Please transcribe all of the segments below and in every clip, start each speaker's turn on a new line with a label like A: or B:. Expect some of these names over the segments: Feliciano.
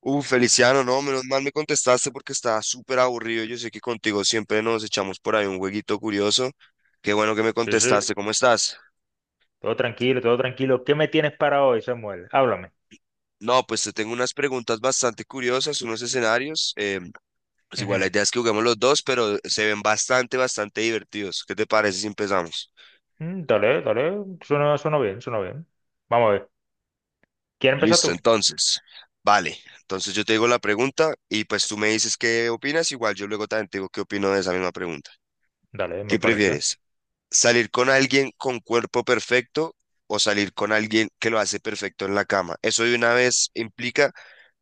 A: Feliciano, no, menos mal me contestaste porque estaba súper aburrido. Yo sé que contigo siempre nos echamos por ahí un jueguito curioso. Qué bueno que me
B: Sí, sí.
A: contestaste, ¿cómo estás?
B: Todo tranquilo, todo tranquilo. ¿Qué me tienes para hoy, Samuel? Háblame.
A: No, pues te tengo unas preguntas bastante curiosas, unos escenarios. Pues igual la
B: Ujú.
A: idea es que juguemos los dos, pero se ven bastante, bastante divertidos. ¿Qué te parece si empezamos?
B: Mm, dale, dale. Suena bien, suena bien. Vamos a ver. ¿Quieres empezar
A: Listo,
B: tú?
A: entonces. Vale, entonces yo te digo la pregunta y pues tú me dices qué opinas. Igual yo luego también te digo qué opino de esa misma pregunta.
B: Dale, me
A: ¿Qué
B: parece.
A: prefieres? Salir con alguien con cuerpo perfecto o salir con alguien que lo hace perfecto en la cama. Eso de una vez implica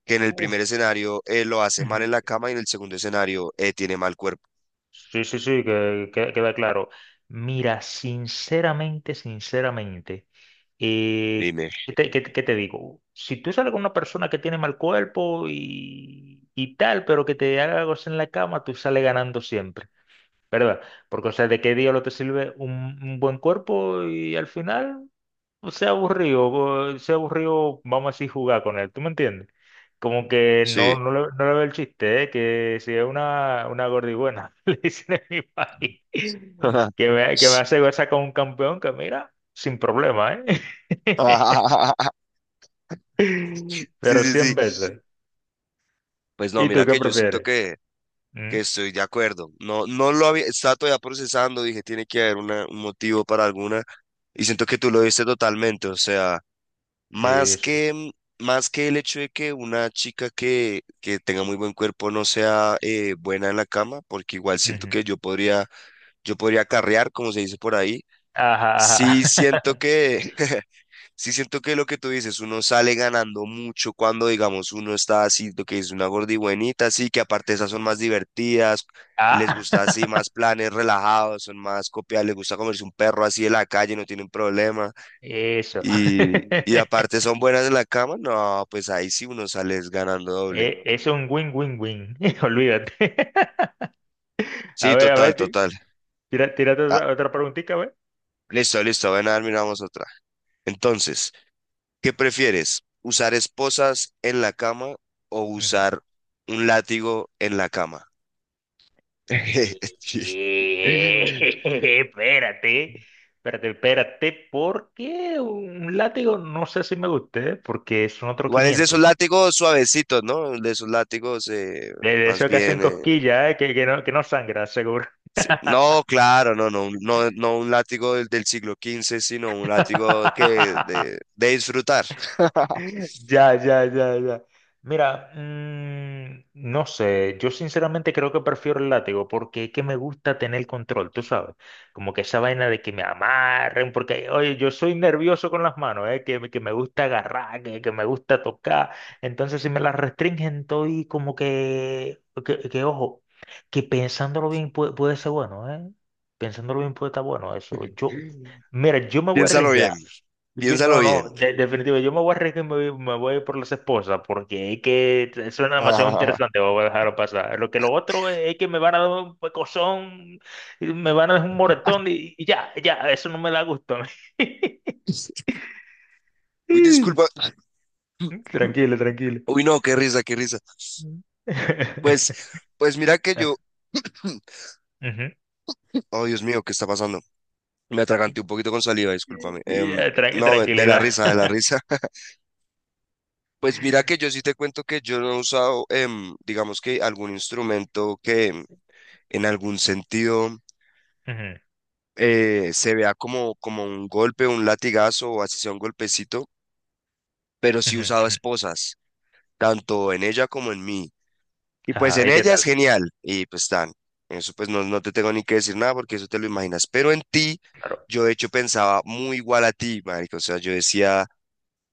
A: que en el
B: Uf.
A: primer escenario lo hace mal en la
B: Ujú.
A: cama y en el segundo escenario tiene mal cuerpo.
B: Sí, sí, sí, queda claro. Mira, sinceramente, sinceramente, eh,
A: Dime.
B: ¿¿qué te digo? Si tú sales con una persona que tiene mal cuerpo y tal, pero que te haga algo en la cama, tú sales ganando siempre. ¿Verdad? Porque, o sea, ¿de qué diablo te sirve un buen cuerpo y al final, o sea aburrido, vamos a decir, jugar con él? ¿Tú me entiendes? Como que no,
A: Sí.
B: no, no le veo el chiste, ¿eh? Que si es una gordibuena le dicen en mi país, que me hace gozar con un campeón, que mira, sin problema, ¿eh?
A: Sí,
B: Pero
A: sí, sí.
B: 100 veces.
A: Pues no,
B: ¿Y tú
A: mira
B: qué
A: que yo siento
B: prefieres?
A: que,
B: ¿Mm?
A: que estoy de acuerdo. No, no lo había, estaba todavía procesando, dije, tiene que haber un motivo para alguna. Y siento que tú lo viste totalmente, o sea,
B: Sí,
A: más
B: sí.
A: que, más que el hecho de que una chica que tenga muy buen cuerpo no sea buena en la cama, porque igual siento
B: Ujú.
A: que yo podría carrear, como se dice por ahí.
B: Ajá,
A: Sí siento
B: ajá.
A: que, sí siento que lo que tú dices, uno sale ganando mucho cuando, digamos, uno está así, lo que es una gordibuenita, así que aparte esas son más divertidas, les gusta así
B: Ah.
A: más planes relajados, son más copiadas, les gusta comerse un perro así de la calle, no tienen problema.
B: Eso.
A: Y, y aparte son buenas en la cama, no, pues ahí sí uno sale es ganando doble.
B: E- Es un win-win-win. Olvídate.
A: Sí,
B: A
A: total,
B: ver, ti-
A: total.
B: tira, tírate
A: Ah,
B: otra preguntita, a ver.
A: listo, listo, ven a ver, miramos otra. Entonces, ¿qué prefieres? ¿Usar esposas en la cama o
B: Ujú.
A: usar un látigo en la cama? Sí.
B: Eh, Espérate, espérate, espérate, porque un látigo no sé si me guste, ¿eh? Porque son otros
A: Igual es de esos
B: 500.
A: látigos suavecitos, ¿no? De esos látigos,
B: De
A: más
B: esos que hacen
A: bien,
B: cosquillas, ¿eh? Que no sangra, seguro.
A: sí. No, claro, no, no, no, no un látigo del siglo XV, sino un látigo que de disfrutar.
B: Ya, ya, ya, ya. Mira, no sé, yo sinceramente creo que prefiero el látigo porque es que me gusta tener el control, tú sabes, como que esa vaina de que me amarren, porque oye, yo soy nervioso con las manos, que me gusta agarrar, que me gusta tocar. Entonces si me las restringen estoy como que ojo, que pensándolo bien puede ser bueno. Pensándolo bien puede estar bueno eso. Yo, mira, yo me voy a
A: Piénsalo
B: arriesgar.
A: bien, piénsalo
B: No, no,
A: bien.
B: definitivo. Yo me voy a arriesgar y me voy por las esposas porque es que suena demasiado interesante. Voy a dejarlo pasar. Lo que lo otro es que me van a dar un pecozón, y me van a dar un moretón y ya, ya, eso no me da gusto a mí.
A: Uy, disculpa.
B: Tranquilo, tranquilo.
A: Uy, no, qué risa, qué risa.
B: Mm.
A: Pues, pues mira que yo.
B: Ujú.
A: Oh, Dios mío, ¿qué está pasando? Me atraganté un poquito con saliva, discúlpame.
B: Ya,
A: No, de la
B: tranquilidad.
A: risa, de la risa. Pues mira que yo sí te cuento que yo no he usado, digamos que algún instrumento que en algún sentido.
B: Ujú,
A: Se vea como un golpe, un latigazo o así sea un golpecito, pero sí
B: ujú,
A: usaba
B: ujú.
A: esposas, tanto en ella como en mí. Y pues
B: Ajá,
A: en
B: ¿y qué
A: ella es
B: tal?
A: genial, y pues eso pues no, no te tengo ni que decir nada porque eso te lo imaginas, pero en ti
B: Claro.
A: yo de hecho pensaba muy igual a ti, marico, o sea, yo decía...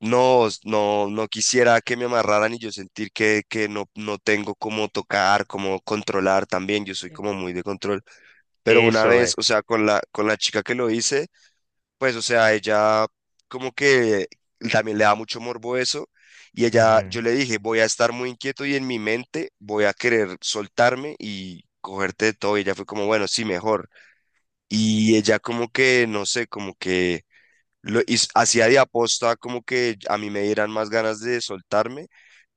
A: No, no, no quisiera que me amarraran y yo sentir que no, no tengo cómo tocar, cómo controlar también, yo soy como muy de control. Pero una
B: Eso
A: vez,
B: es.
A: o sea, con la chica que lo hice, pues, o sea, ella como que también le da mucho morbo eso. Y ella, yo
B: Ujú,
A: le dije, voy a estar muy inquieto y en mi mente voy a querer soltarme y cogerte de todo. Y ella fue como, bueno, sí, mejor. Y ella como que, no sé, como que hacía de aposta como que a mí me dieran más ganas de soltarme,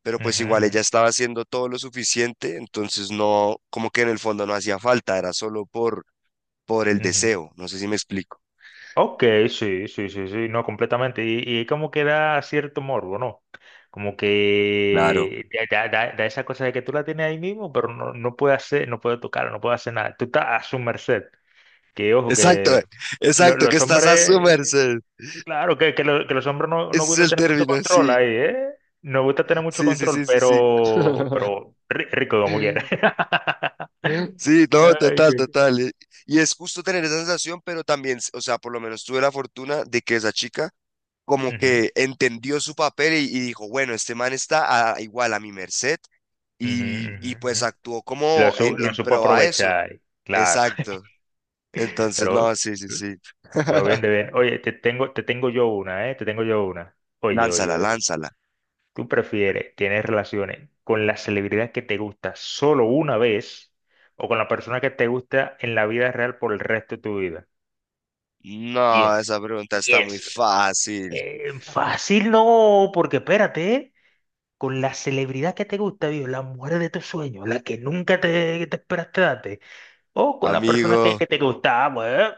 A: pero pues
B: ujú,
A: igual
B: ujú,
A: ella estaba haciendo todo lo suficiente, entonces no, como que en el fondo no hacía falta, era solo por el
B: ujú.
A: deseo. No sé si me explico.
B: Ok, sí, sí, sí, sí, no, completamente. Y como que da cierto morbo, ¿no? Como
A: Claro.
B: que da esa cosa de que tú la tienes ahí mismo, pero no, no puede hacer, no puede tocar, no puede hacer nada. Tú estás a su merced. Que ojo, que
A: Exacto,
B: lo-
A: exacto, que
B: los
A: estás a su
B: hombres,
A: merced.
B: claro, que los hombres no, no
A: Ese
B: gusta
A: es el
B: tener mucho
A: término,
B: control
A: sí,
B: ahí, ¿eh? No gusta tener mucho
A: sí, sí,
B: control,
A: sí, sí, sí.
B: pero, pero rico como quiera.
A: Sí, no,
B: Ay,
A: total,
B: qué-
A: total. Y es justo tener esa sensación, pero también, o sea, por lo menos tuve la fortuna de que esa chica como
B: Ujú,
A: que entendió su papel y dijo, bueno, este man está igual a mi merced
B: ujú,
A: y,
B: ujú,
A: y pues
B: ujú.
A: actuó
B: Lo,
A: como en,
B: su- lo
A: en
B: supo
A: pro a eso.
B: aprovechar, claro.
A: Exacto. Entonces, no,
B: Pero,
A: sí, sí, sí.
B: pero bien de bien. Oye, te tengo yo una, ¿eh? Te tengo yo una. Oye, oye,
A: Lánzala,
B: oye.
A: lánzala.
B: ¿Tú prefieres tener relaciones con la celebridad que te gusta solo una vez, o con la persona que te gusta en la vida real por el resto de tu vida?
A: No,
B: Piensa,
A: esa pregunta está muy
B: piensa.
A: fácil.
B: Fácil no, porque espérate, ¿eh? Con la celebridad que te gusta, viejo, la mujer de tus sueños, la que nunca te esperaste darte, o con la persona que,
A: Amigo,
B: que te gustaba, pues.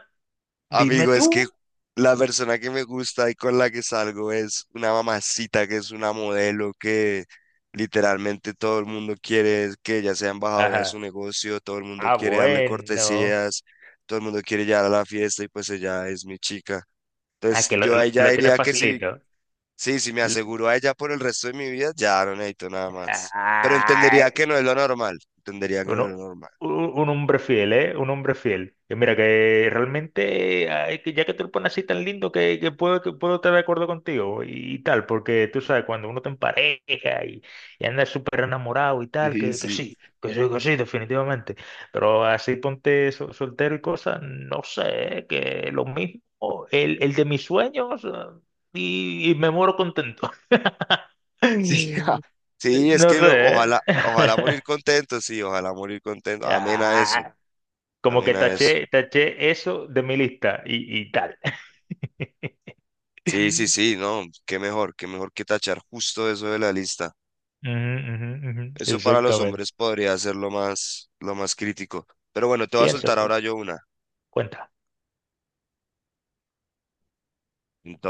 B: Dime
A: amigo, es que
B: tú.
A: la persona que me gusta y con la que salgo es una mamacita que es una modelo que literalmente todo el mundo quiere que ella sea embajadora de su
B: Ajá.
A: negocio, todo el mundo
B: Ah,
A: quiere darle
B: bueno.
A: cortesías, todo el mundo quiere llegar a la fiesta y pues ella es mi chica.
B: Ah,
A: Entonces
B: que
A: yo a ella
B: lo tienes
A: diría que sí,
B: facilito.
A: sí, si me
B: Lo-
A: aseguro a ella por el resto de mi vida, ya no necesito nada más. Pero entendería
B: Ay,
A: que no es lo normal, entendería que no es lo
B: Uno-
A: normal.
B: un hombre fiel, ¿eh? Un hombre fiel. Que mira, que realmente, ay, que ya que te lo pones así tan lindo, que puedo estar de acuerdo contigo y tal, porque tú sabes, cuando uno te empareja, y anda súper enamorado y tal,
A: Sí,
B: que
A: sí.
B: sí, que sí, que sí, definitivamente. Pero así ponte soltero y cosas, no sé, ¿eh? Que lo mismo, el de mis sueños, y me muero contento.
A: Sí, sí, es
B: No
A: que
B: sé, ¿eh?
A: ojalá, ojalá morir contento, sí, ojalá morir contento. Amén a eso,
B: Ah, como
A: amén
B: que
A: a eso.
B: taché, taché eso de mi lista y tal.
A: Sí, sí, sí, no, qué mejor que tachar justo eso de la lista.
B: Ujú, ujú, ujú.
A: Eso para los
B: Exactamente.
A: hombres podría ser lo más crítico. Pero bueno, te voy a soltar
B: Piénsatelo.
A: ahora yo una.
B: Cuenta.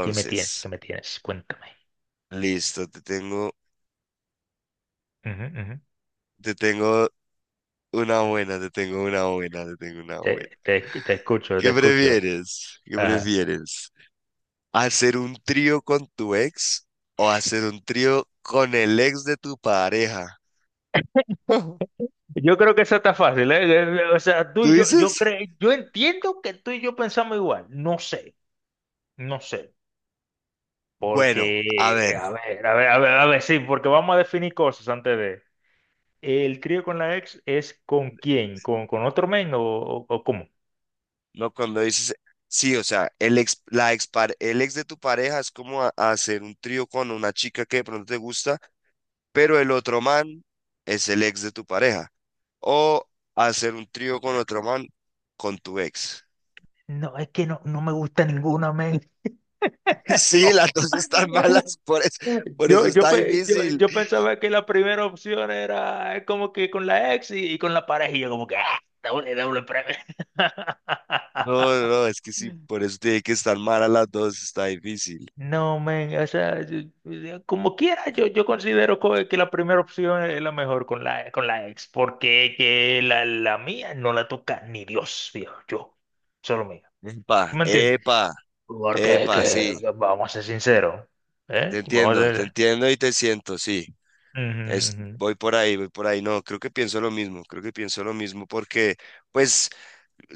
B: ¿Qué me tienes? ¿Qué me tienes? Cuéntame.
A: listo, te tengo,
B: Ujú, ujú.
A: te tengo una buena, te tengo una buena, te tengo una buena.
B: Te escucho, te
A: ¿Qué
B: escucho.
A: prefieres? ¿Qué
B: Ajá.
A: prefieres? ¿Hacer un trío con tu ex o hacer un trío con el ex de tu pareja?
B: Yo creo que eso está fácil, ¿eh? O sea, tú
A: ¿Tú
B: y yo
A: dices?
B: creo, yo entiendo que tú y yo pensamos igual. No sé, no sé.
A: Bueno, a ver,
B: Porque, a ver, a ver, a ver, a ver, sí, porque vamos a definir cosas antes de. ¿El trío con la ex es con quién? ¿Con otro men, o cómo?
A: no cuando dices, sí, o sea, el ex, la ex, el ex de tu pareja es como hacer un trío con una chica que de pronto te gusta, pero el otro man es el ex de tu pareja. O hacer un trío con otro man con tu ex.
B: No, es que no, no me gusta ninguna, men.
A: Sí, las dos están malas,
B: No.
A: por eso
B: Yo, yo,
A: está
B: pe- yo,
A: difícil.
B: yo pensaba que la primera opción era, como que con la ex y con la pareja, y yo como que, ah, doble, doble premio.
A: No, no, no, es que sí, por eso tiene que estar mal a las dos, está difícil.
B: No, men, o sea, como quiera, yo considero que la primera opción es la mejor con la ex, porque que la mía no la toca ni Dios, viejo. Yo, solo mío.
A: Epa,
B: ¿Me entiendes?
A: epa,
B: Porque
A: epa, sí,
B: que, vamos a ser sinceros, ¿eh? Vamos a
A: te
B: ser...
A: entiendo y te siento, sí.
B: Ujú, ujú.
A: Voy por ahí, voy por ahí. No, creo que pienso lo mismo, creo que pienso lo mismo porque, pues,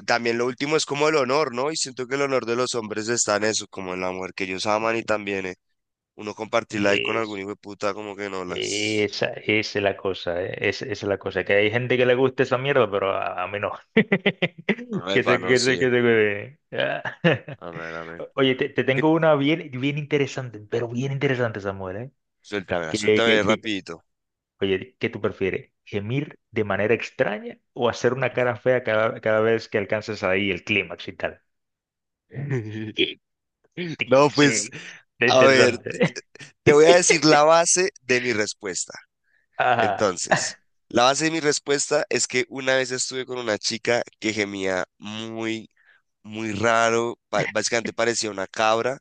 A: también lo último es como el honor, ¿no? Y siento que el honor de los hombres está en eso, como en la mujer que ellos aman y también, uno compartirla ahí con algún
B: Es-
A: hijo de puta, como que no las.
B: esa es la cosa, ¿eh? Esa es la cosa, que hay gente que le gusta esa mierda, pero a mí no.
A: No,
B: Que
A: epa,
B: se,
A: no,
B: que se,
A: sí.
B: que se cuide. Ah.
A: Amén, amén.
B: Oye, te
A: ¿Qué?
B: tengo una bien, bien interesante, pero bien interesante, Samuel, ¿eh?
A: Suéltamela,
B: Que,
A: suéltame
B: que, que,
A: rapidito.
B: oye, ¿qué tú prefieres? ¿Gemir de manera extraña o hacer una cara fea cada vez que alcances ahí el clímax y tal? Es que
A: No, pues,
B: sí, es
A: a ver,
B: interesante.
A: te voy a decir la base de mi respuesta.
B: Ajá.
A: Entonces, la base de mi respuesta es que una vez estuve con una chica que gemía muy, muy raro, básicamente parecía una cabra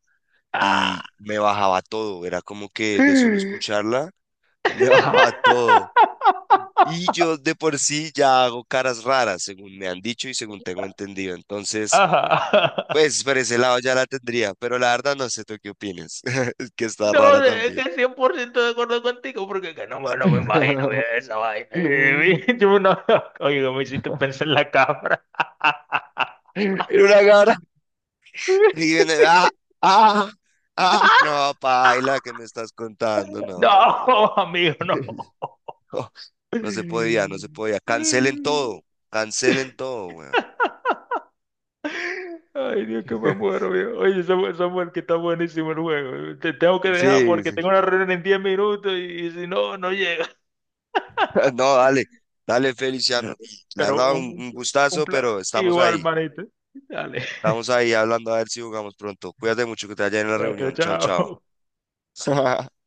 A: y
B: Ah.
A: me bajaba todo, era como que de solo escucharla, me bajaba todo. Y yo de por sí ya hago caras raras, según me han dicho y según tengo entendido. Entonces,
B: Ajá.
A: pues por ese lado ya la tendría, pero la verdad no sé tú qué opinas. Es que está
B: No,
A: rara
B: de- es
A: también.
B: que 100% de acuerdo contigo, porque es que no, no me imagino, esa vaina.
A: Era
B: Yo no- oye, no me hiciste pensar en la cabra.
A: una gara. Y viene, ah, ah, ah. No, paila, ¿qué me estás contando? No, no, no, no. No,
B: No, amigo, no.
A: no no se podía, no se podía. Cancelen todo, weón.
B: Ay, Dios, que me muero, viejo. Oye, Samuel, Samuel, que está buenísimo el juego. Te tengo que dejar
A: Sí,
B: porque
A: sí.
B: tengo una reunión en 10 minutos y si no, no llega.
A: No, dale, dale, Feliciano. Y la
B: Pero
A: verdad, un,
B: un,
A: un
B: un
A: gustazo,
B: plan
A: pero estamos
B: igual,
A: ahí.
B: manito. Dale,
A: Estamos ahí hablando a ver si jugamos pronto. Cuídate mucho que te vaya en la
B: Cuídate,
A: reunión. Chao, chao.
B: chao.
A: Ujú.